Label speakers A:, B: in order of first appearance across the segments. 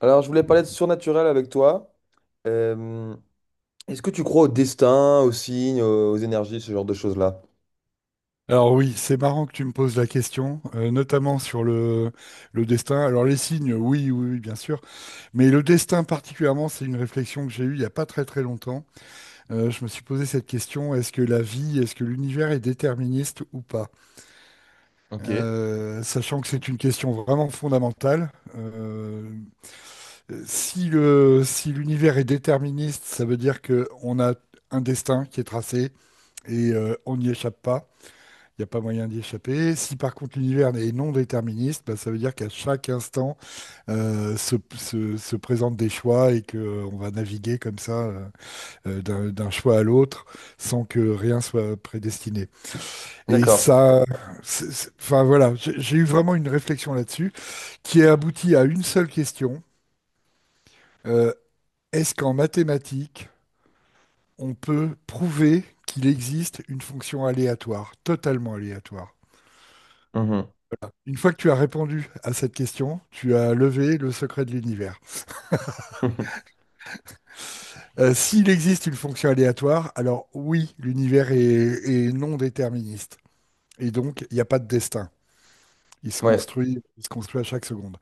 A: Alors, je voulais parler de surnaturel avec toi. Euh, Est-ce que tu crois au destin, aux signes, aux énergies, ce genre de choses-là?
B: Alors oui, c'est marrant que tu me poses la question, notamment sur le destin. Alors les signes, oui, oui, oui, bien sûr, mais le destin particulièrement, c'est une réflexion que j'ai eue il n'y a pas très très longtemps. Je me suis posé cette question, est-ce que la vie, est-ce que l'univers est déterministe ou pas?
A: Ok.
B: Sachant que c'est une question vraiment fondamentale. Si l'univers est déterministe, ça veut dire qu'on a un destin qui est tracé et on n'y échappe pas. Il n'y a pas moyen d'y échapper. Si par contre l'univers est non déterministe, bah, ça veut dire qu'à chaque instant se présentent des choix et qu'on va naviguer comme ça d'un choix à l'autre sans que rien soit prédestiné. Et
A: D'accord.
B: ça, enfin voilà, j'ai eu vraiment une réflexion là-dessus qui a abouti à une seule question. Euh, Est-ce qu'en mathématiques, on peut prouver qu'il existe une fonction aléatoire, totalement aléatoire?
A: Mhm.
B: Une fois que tu as répondu à cette question, tu as levé le secret de l'univers. S'il existe une fonction aléatoire, alors oui, l'univers est non déterministe. Et donc, il n'y a pas de destin. Il se
A: Ouais,
B: construit, il se construit à chaque seconde.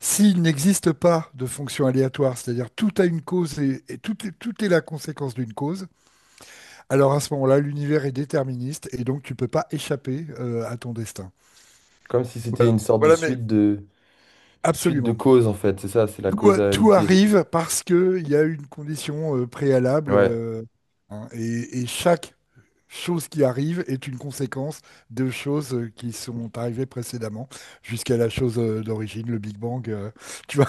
B: S'il n'existe pas de fonction aléatoire, c'est-à-dire tout a une cause et tout est la conséquence d'une cause, alors à ce moment-là, l'univers est déterministe et donc tu ne peux pas échapper à ton destin.
A: comme si c'était
B: Voilà.
A: une sorte de
B: Voilà, mais
A: suite de
B: absolument.
A: causes en fait, c'est ça, c'est la
B: Tout
A: causalité.
B: arrive parce qu'il y a une condition préalable,
A: Ouais,
B: hein, et chaque chose qui arrive est une conséquence de choses, qui sont arrivées précédemment jusqu'à la chose d'origine, le Big Bang. Tu vois.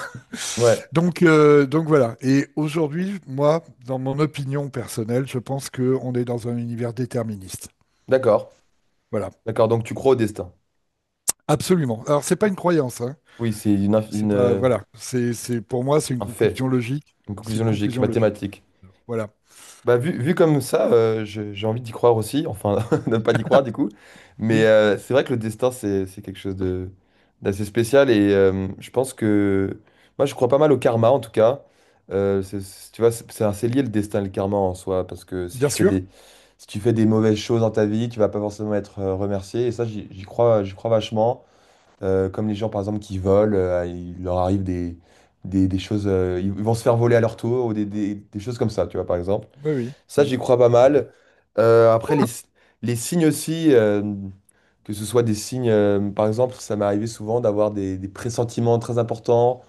A: ouais,
B: Donc voilà. Et aujourd'hui, moi, dans mon opinion personnelle, je pense qu'on est dans un univers déterministe.
A: d'accord.
B: Voilà,
A: D'accord, donc tu crois au destin.
B: absolument. Alors, c'est pas une croyance, hein.
A: Oui, c'est
B: C'est pas, voilà. Pour moi, c'est une
A: un fait,
B: conclusion logique.
A: une
B: C'est
A: conclusion
B: une
A: logique,
B: conclusion logique.
A: mathématique.
B: Voilà.
A: Bah, vu comme ça, j'ai envie d'y croire aussi, enfin, de pas d'y croire du coup. Mais
B: Oui.
A: c'est vrai que le destin, c'est quelque chose d'assez spécial et je pense que. Moi, je crois pas mal au karma en tout cas. Tu vois, c'est assez lié le destin et le karma en soi, parce que si
B: Bien
A: tu fais
B: sûr,
A: des mauvaises choses dans ta vie, tu vas pas forcément être remercié. Et ça, j'y crois, j'y crois vachement. Comme les gens, par exemple, qui volent, il leur arrive des choses. Ils vont se faire voler à leur tour ou des choses comme ça, tu vois, par exemple.
B: oui, oui,
A: Ça,
B: oui.
A: j'y crois pas mal. Après, les signes aussi, que ce soit des signes, par exemple, ça m'est arrivé souvent d'avoir des pressentiments très importants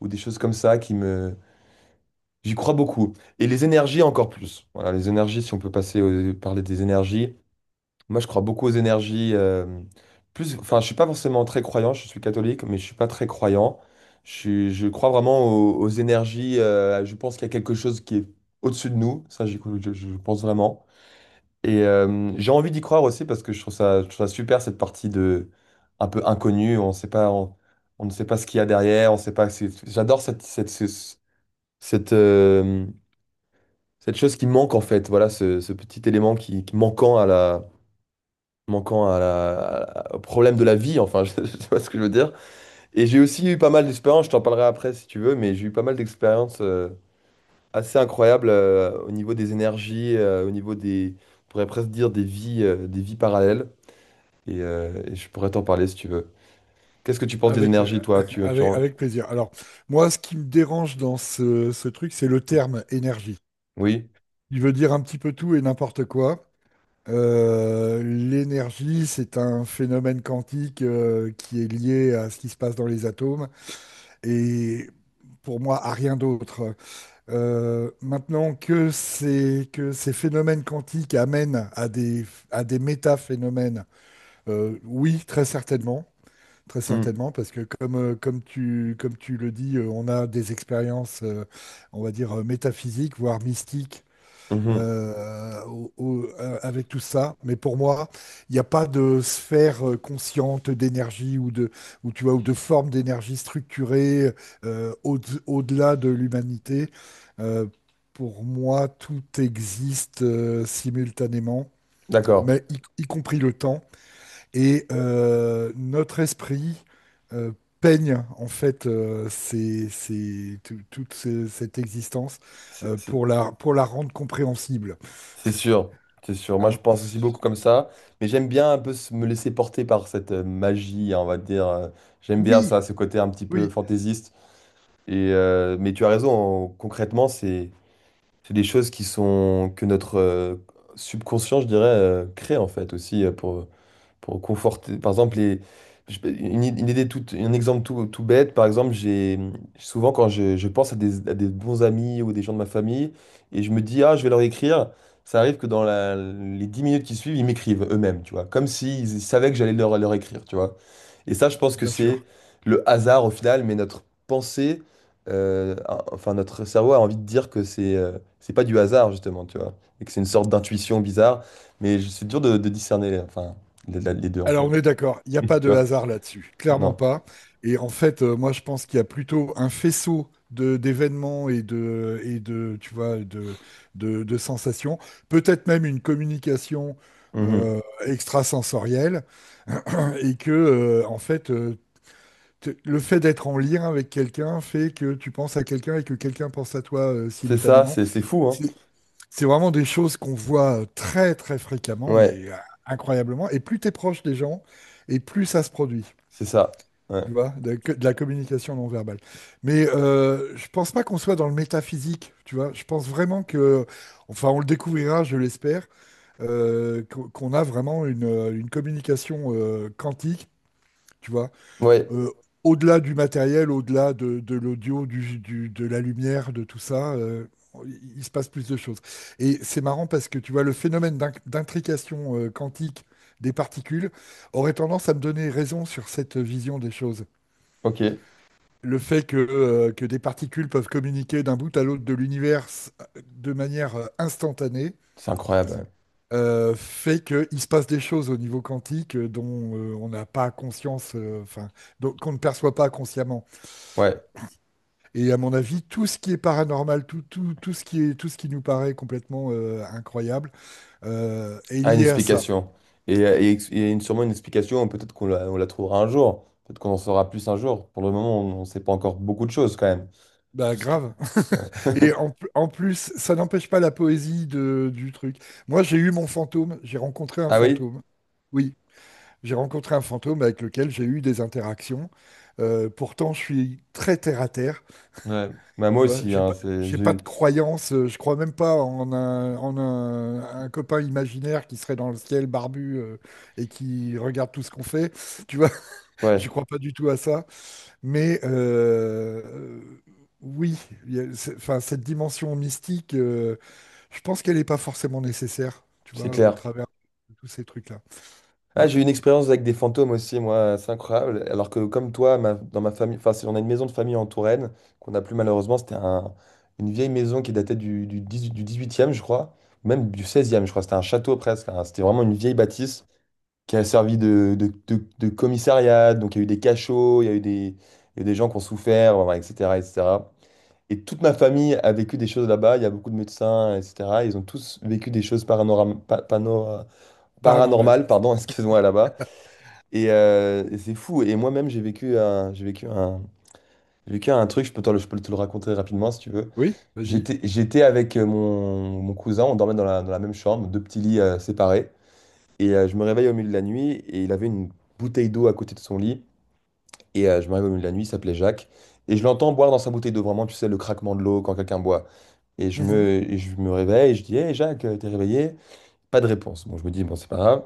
A: ou des choses comme ça qui me... J'y crois beaucoup. Et les énergies encore plus. Voilà, les énergies, si on peut passer parler des énergies. Moi, je crois beaucoup aux énergies. Plus, enfin, je suis pas forcément très croyant, je suis catholique, mais je suis pas très croyant. Je crois vraiment aux énergies. Je pense qu'il y a quelque chose qui est au-dessus de nous. Ça, j'y je pense vraiment. Et j'ai envie d'y croire aussi parce que je trouve ça super cette partie de un peu inconnue. On sait pas, on ne sait pas ce qu'il y a derrière. On sait pas. J'adore cette cette ce- ce- cette, cette chose qui manque en fait. Voilà, ce petit élément qui manquant au problème de la vie. Enfin, je sais pas ce que je veux dire. Et j'ai aussi eu pas mal d'expériences. Je t'en parlerai après si tu veux, mais j'ai eu pas mal d'expériences assez incroyables au niveau des énergies, au niveau des, on pourrait presque dire des vies parallèles. Et je pourrais t'en parler si tu veux. Qu'est-ce que tu penses des
B: Avec, euh,
A: énergies, toi?
B: avec, avec plaisir. Alors, moi, ce qui me dérange dans ce truc, c'est le terme énergie.
A: Oui?
B: Il veut dire un petit peu tout et n'importe quoi. L'énergie, c'est un phénomène quantique qui est lié à ce qui se passe dans les atomes et pour moi à rien d'autre. Maintenant que ces, phénomènes quantiques amènent à des métaphénomènes, oui, très certainement. Très
A: Hmm.
B: certainement, parce que comme tu le dis, on a des expériences, on va dire, métaphysiques, voire mystiques,
A: Mhm.
B: avec tout ça. Mais pour moi, il n'y a pas de sphère consciente d'énergie tu vois, ou de forme d'énergie structurée, euh, au- au-delà de l'humanité. Euh, pour moi, tout existe simultanément,
A: D'accord.
B: mais y compris le temps. Et notre esprit euh, peigne en fait cette existence,
A: C'est c'est-
B: pour la rendre compréhensible.
A: c'est sûr. C'est sûr. Moi, je
B: Hein.
A: pense aussi beaucoup comme ça. Mais j'aime bien un peu me laisser porter par cette magie, hein, on va dire. J'aime bien
B: Oui,
A: ça, ce côté un petit peu
B: oui,
A: fantaisiste. Et, mais tu as raison. Concrètement, c'est des choses qui sont que notre subconscient, je dirais, crée en fait aussi pour conforter. Par exemple, une idée toute, un exemple tout, tout bête, par exemple, j'ai souvent quand je pense à à des bons amis ou des gens de ma famille et je me dis, ah, je vais leur écrire, ça arrive que dans les 10 minutes qui suivent, ils m'écrivent eux-mêmes, tu vois, comme s'ils savaient que j'allais leur écrire, tu vois. Et ça, je pense que
B: bien
A: c'est
B: sûr.
A: le hasard au final, mais notre pensée, enfin notre cerveau a envie de dire que c'est pas du hasard justement, tu vois, et que c'est une sorte d'intuition bizarre, mais c'est dur de discerner, enfin les deux en
B: Alors
A: fait,
B: on est d'accord, il n'y a pas
A: tu
B: de
A: vois?
B: hasard là-dessus, clairement
A: Non.
B: pas. Et en fait, moi je pense qu'il y a plutôt un faisceau de d'événements et de, tu vois, de sensations, peut-être même une communication
A: Mhm.
B: extrasensorielle, et que en fait, le fait d'être en lien avec quelqu'un fait que tu penses à quelqu'un et que quelqu'un pense à toi,
A: C'est ça,
B: simultanément.
A: c'est fou, hein?
B: C'est c'est vraiment des choses qu'on voit très très fréquemment,
A: Ouais,
B: mais incroyablement. Et plus tu es proche des gens, et plus ça se produit,
A: c'est ça. Ouais,
B: tu vois, de la communication non verbale. Mais je pense pas qu'on soit dans le métaphysique, tu vois. Je pense vraiment que, enfin, on le découvrira, je l'espère, qu'on a vraiment une communication quantique. Tu vois,
A: ouais,
B: euh, au-delà du matériel, au-delà de l'audio, de la lumière, de tout ça, il se passe plus de choses. Et c'est marrant parce que tu vois, le phénomène d'intrication quantique des particules aurait tendance à me donner raison sur cette vision des choses.
A: ok,
B: Le fait que des particules peuvent communiquer d'un bout à l'autre de l'univers, de manière, instantanée,
A: c'est incroyable.
B: fait qu'il se passe des choses au niveau quantique, dont, on n'a pas conscience, enfin, donc qu'on ne perçoit pas consciemment.
A: Ouais. Ouais.
B: Et à mon avis, tout ce qui est paranormal, tout ce qui nous paraît complètement incroyable est
A: Ah, une
B: lié à ça.
A: explication. Et sûrement une explication, peut-être qu'on la trouvera un jour. Peut-être qu'on en saura plus un jour. Pour le moment, on ne sait pas encore beaucoup de choses quand même.
B: Bah
A: Tout ce qui...
B: grave.
A: Ouais.
B: Et en plus, ça n'empêche pas la poésie du truc. Moi, j'ai eu mon fantôme, j'ai rencontré un
A: Ah oui?
B: fantôme. Oui, j'ai rencontré un fantôme avec lequel j'ai eu des interactions. Pourtant, je suis très terre-à-terre.
A: Ouais. Bah, moi
B: Tu vois,
A: aussi,
B: j'ai
A: hein,
B: pas,
A: c'est,
B: j'ai
A: j'ai
B: pas
A: eu-
B: de croyance, je crois même pas un copain imaginaire qui serait dans le ciel barbu, et qui regarde tout ce qu'on fait. Tu vois, je
A: Ouais,
B: crois pas du tout à ça. Mais oui, il y a- c'est- enfin, cette dimension mystique, je pense qu'elle n'est pas forcément nécessaire, tu
A: c'est
B: vois, au
A: clair.
B: travers de tous ces trucs-là.
A: Ah, j'ai eu une expérience avec des fantômes aussi, moi, c'est incroyable. Alors que comme toi, dans ma famille, enfin, on a une maison de famille en Touraine, qu'on n'a plus malheureusement, c'était une vieille maison qui datait du 18e, je crois, même du 16 je crois. C'était un château presque, hein. C'était vraiment une vieille bâtisse qui a servi de commissariat. Donc, il y a eu des cachots, il y a eu des, il y a eu des gens qui ont souffert, voilà, etc., etc. Et cetera. Et toute ma famille a vécu des choses là-bas. Il y a beaucoup de médecins, etc. Ils ont tous vécu des choses
B: Paranormal.
A: paranormales, pardon, excuse-moi, là-bas. Et c'est fou. Et moi-même, j'ai vécu un, j'ai vécu un, j'ai vécu un truc. Je peux te le raconter rapidement si tu veux.
B: Oui, vas-y.
A: J'étais avec mon cousin. On dormait dans la même chambre, deux petits lits séparés. Et je me réveille au milieu de la nuit et il avait une bouteille d'eau à côté de son lit. Et je me réveille au milieu de la nuit, il s'appelait Jacques. Et je l'entends boire dans sa bouteille d'eau, vraiment, tu sais, le craquement de l'eau quand quelqu'un boit. Et je
B: Mhm.
A: me, et je me réveille, et je dis, hé Jacques, t'es réveillé? Pas de réponse. Bon, je me dis, bon, c'est pas grave.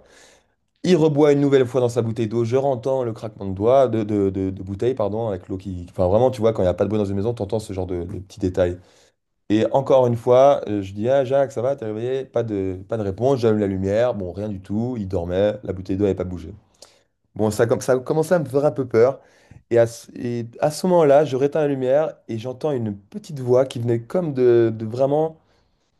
A: Il reboit une nouvelle fois dans sa bouteille d'eau, je rentends le craquement de doigts, de bouteille, pardon, avec l'eau qui. Enfin, vraiment, tu vois, quand il n'y a pas de bruit dans une maison, t'entends ce genre de petits détails. Et encore une fois, je dis, ah, Jacques, ça va, t'es réveillé? Pas de réponse, j'allume la lumière, bon, rien du tout, il dormait, la bouteille d'eau n'avait pas bougé. Bon, ça, ça a commencé à me faire un peu peur. Et à ce moment-là, je réteins la lumière et j'entends une petite voix qui venait comme de vraiment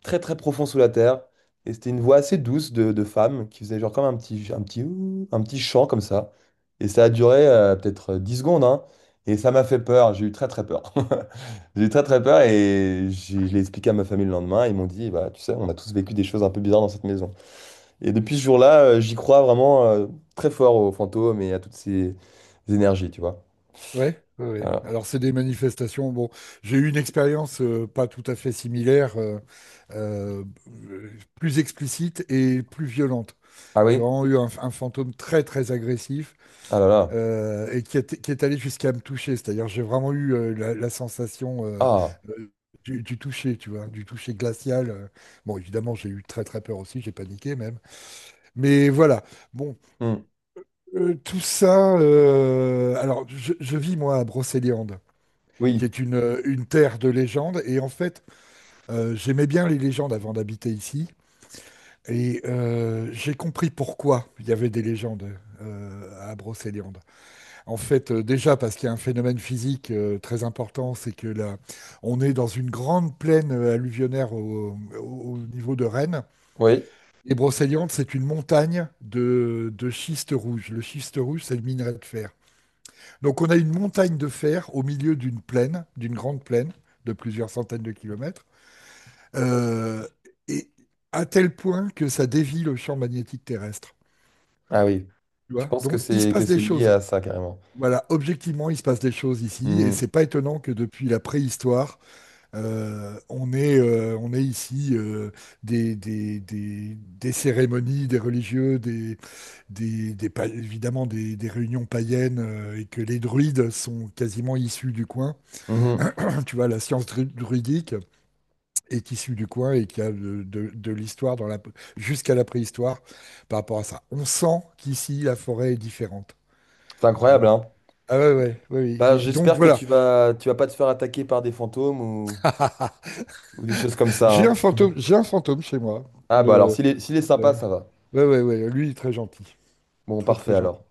A: très très profond sous la terre. Et c'était une voix assez douce de femme qui faisait genre comme un petit chant comme ça. Et ça a duré peut-être 10 secondes, hein. Et ça m'a fait peur, j'ai eu très très peur. J'ai eu très très peur et je l'ai expliqué à ma famille le lendemain. Ils m'ont dit, bah, tu sais, on a tous vécu des choses un peu bizarres dans cette maison. Et depuis ce jour-là, j'y crois vraiment très fort aux fantômes et à toutes ces énergies, tu vois.
B: Ouais, ouais, ouais.
A: Voilà.
B: Alors c'est des manifestations. Bon, j'ai eu une expérience pas tout à fait similaire, euh, plus explicite et plus violente.
A: Ah
B: J'ai
A: oui?
B: vraiment eu un fantôme très très agressif,
A: Ah là là.
B: et qui est allé jusqu'à me toucher. C'est-à-dire j'ai vraiment eu, la, sensation,
A: Ah.
B: euh, du toucher, tu vois, du toucher glacial. Bon, évidemment j'ai eu très très peur aussi, j'ai paniqué même. Mais voilà. Bon,
A: Hmm.
B: tout ça. Alors je vis moi à Brocéliande qui
A: Oui.
B: est une terre de légende. Et en fait, j'aimais bien les légendes avant d'habiter ici. Et j'ai compris pourquoi il y avait des légendes, à Brocéliande. En fait, déjà parce qu'il y a un phénomène physique très important, c'est que là, on est dans une grande plaine, alluvionnaire, au niveau de Rennes.
A: Oui.
B: Et Brocéliande, c'est une montagne de schiste rouge. Le schiste rouge, c'est le minerai de fer. Donc on a une montagne de fer au milieu d'une plaine, d'une grande plaine de plusieurs centaines de kilomètres. Euh, et à tel point que ça dévie le champ magnétique terrestre.
A: Ah oui.
B: Tu
A: Tu
B: vois?
A: penses que
B: Donc, il se
A: c'est que
B: passe des
A: c'est lié
B: choses.
A: à ça carrément.
B: Voilà, objectivement, il se passe des choses ici, et
A: Mhm.
B: c'est pas étonnant que depuis la préhistoire, on est ici, des cérémonies, des religieux, évidemment des réunions païennes, et que les druides sont quasiment issus du coin.
A: Mhm.
B: Tu vois, la science druidique, est issu du coin et qui a de l'histoire jusqu'à la préhistoire par rapport à ça. On sent qu'ici, la forêt est différente,
A: C'est
B: tu vois.
A: incroyable, hein?
B: Ah ouais, ouais, ouais, ouais.
A: Bah,
B: Donc
A: j'espère que
B: voilà,
A: tu vas pas te faire attaquer par des fantômes ou, des choses comme ça,
B: j'ai un
A: hein.
B: fantôme, j'ai un fantôme chez moi.
A: Ah bah alors
B: Le,
A: s'il est
B: le-
A: sympa, ça va.
B: ouais, ouais, ouais, lui, il est très gentil.
A: Bon,
B: Très,
A: parfait
B: très
A: alors.
B: gentil.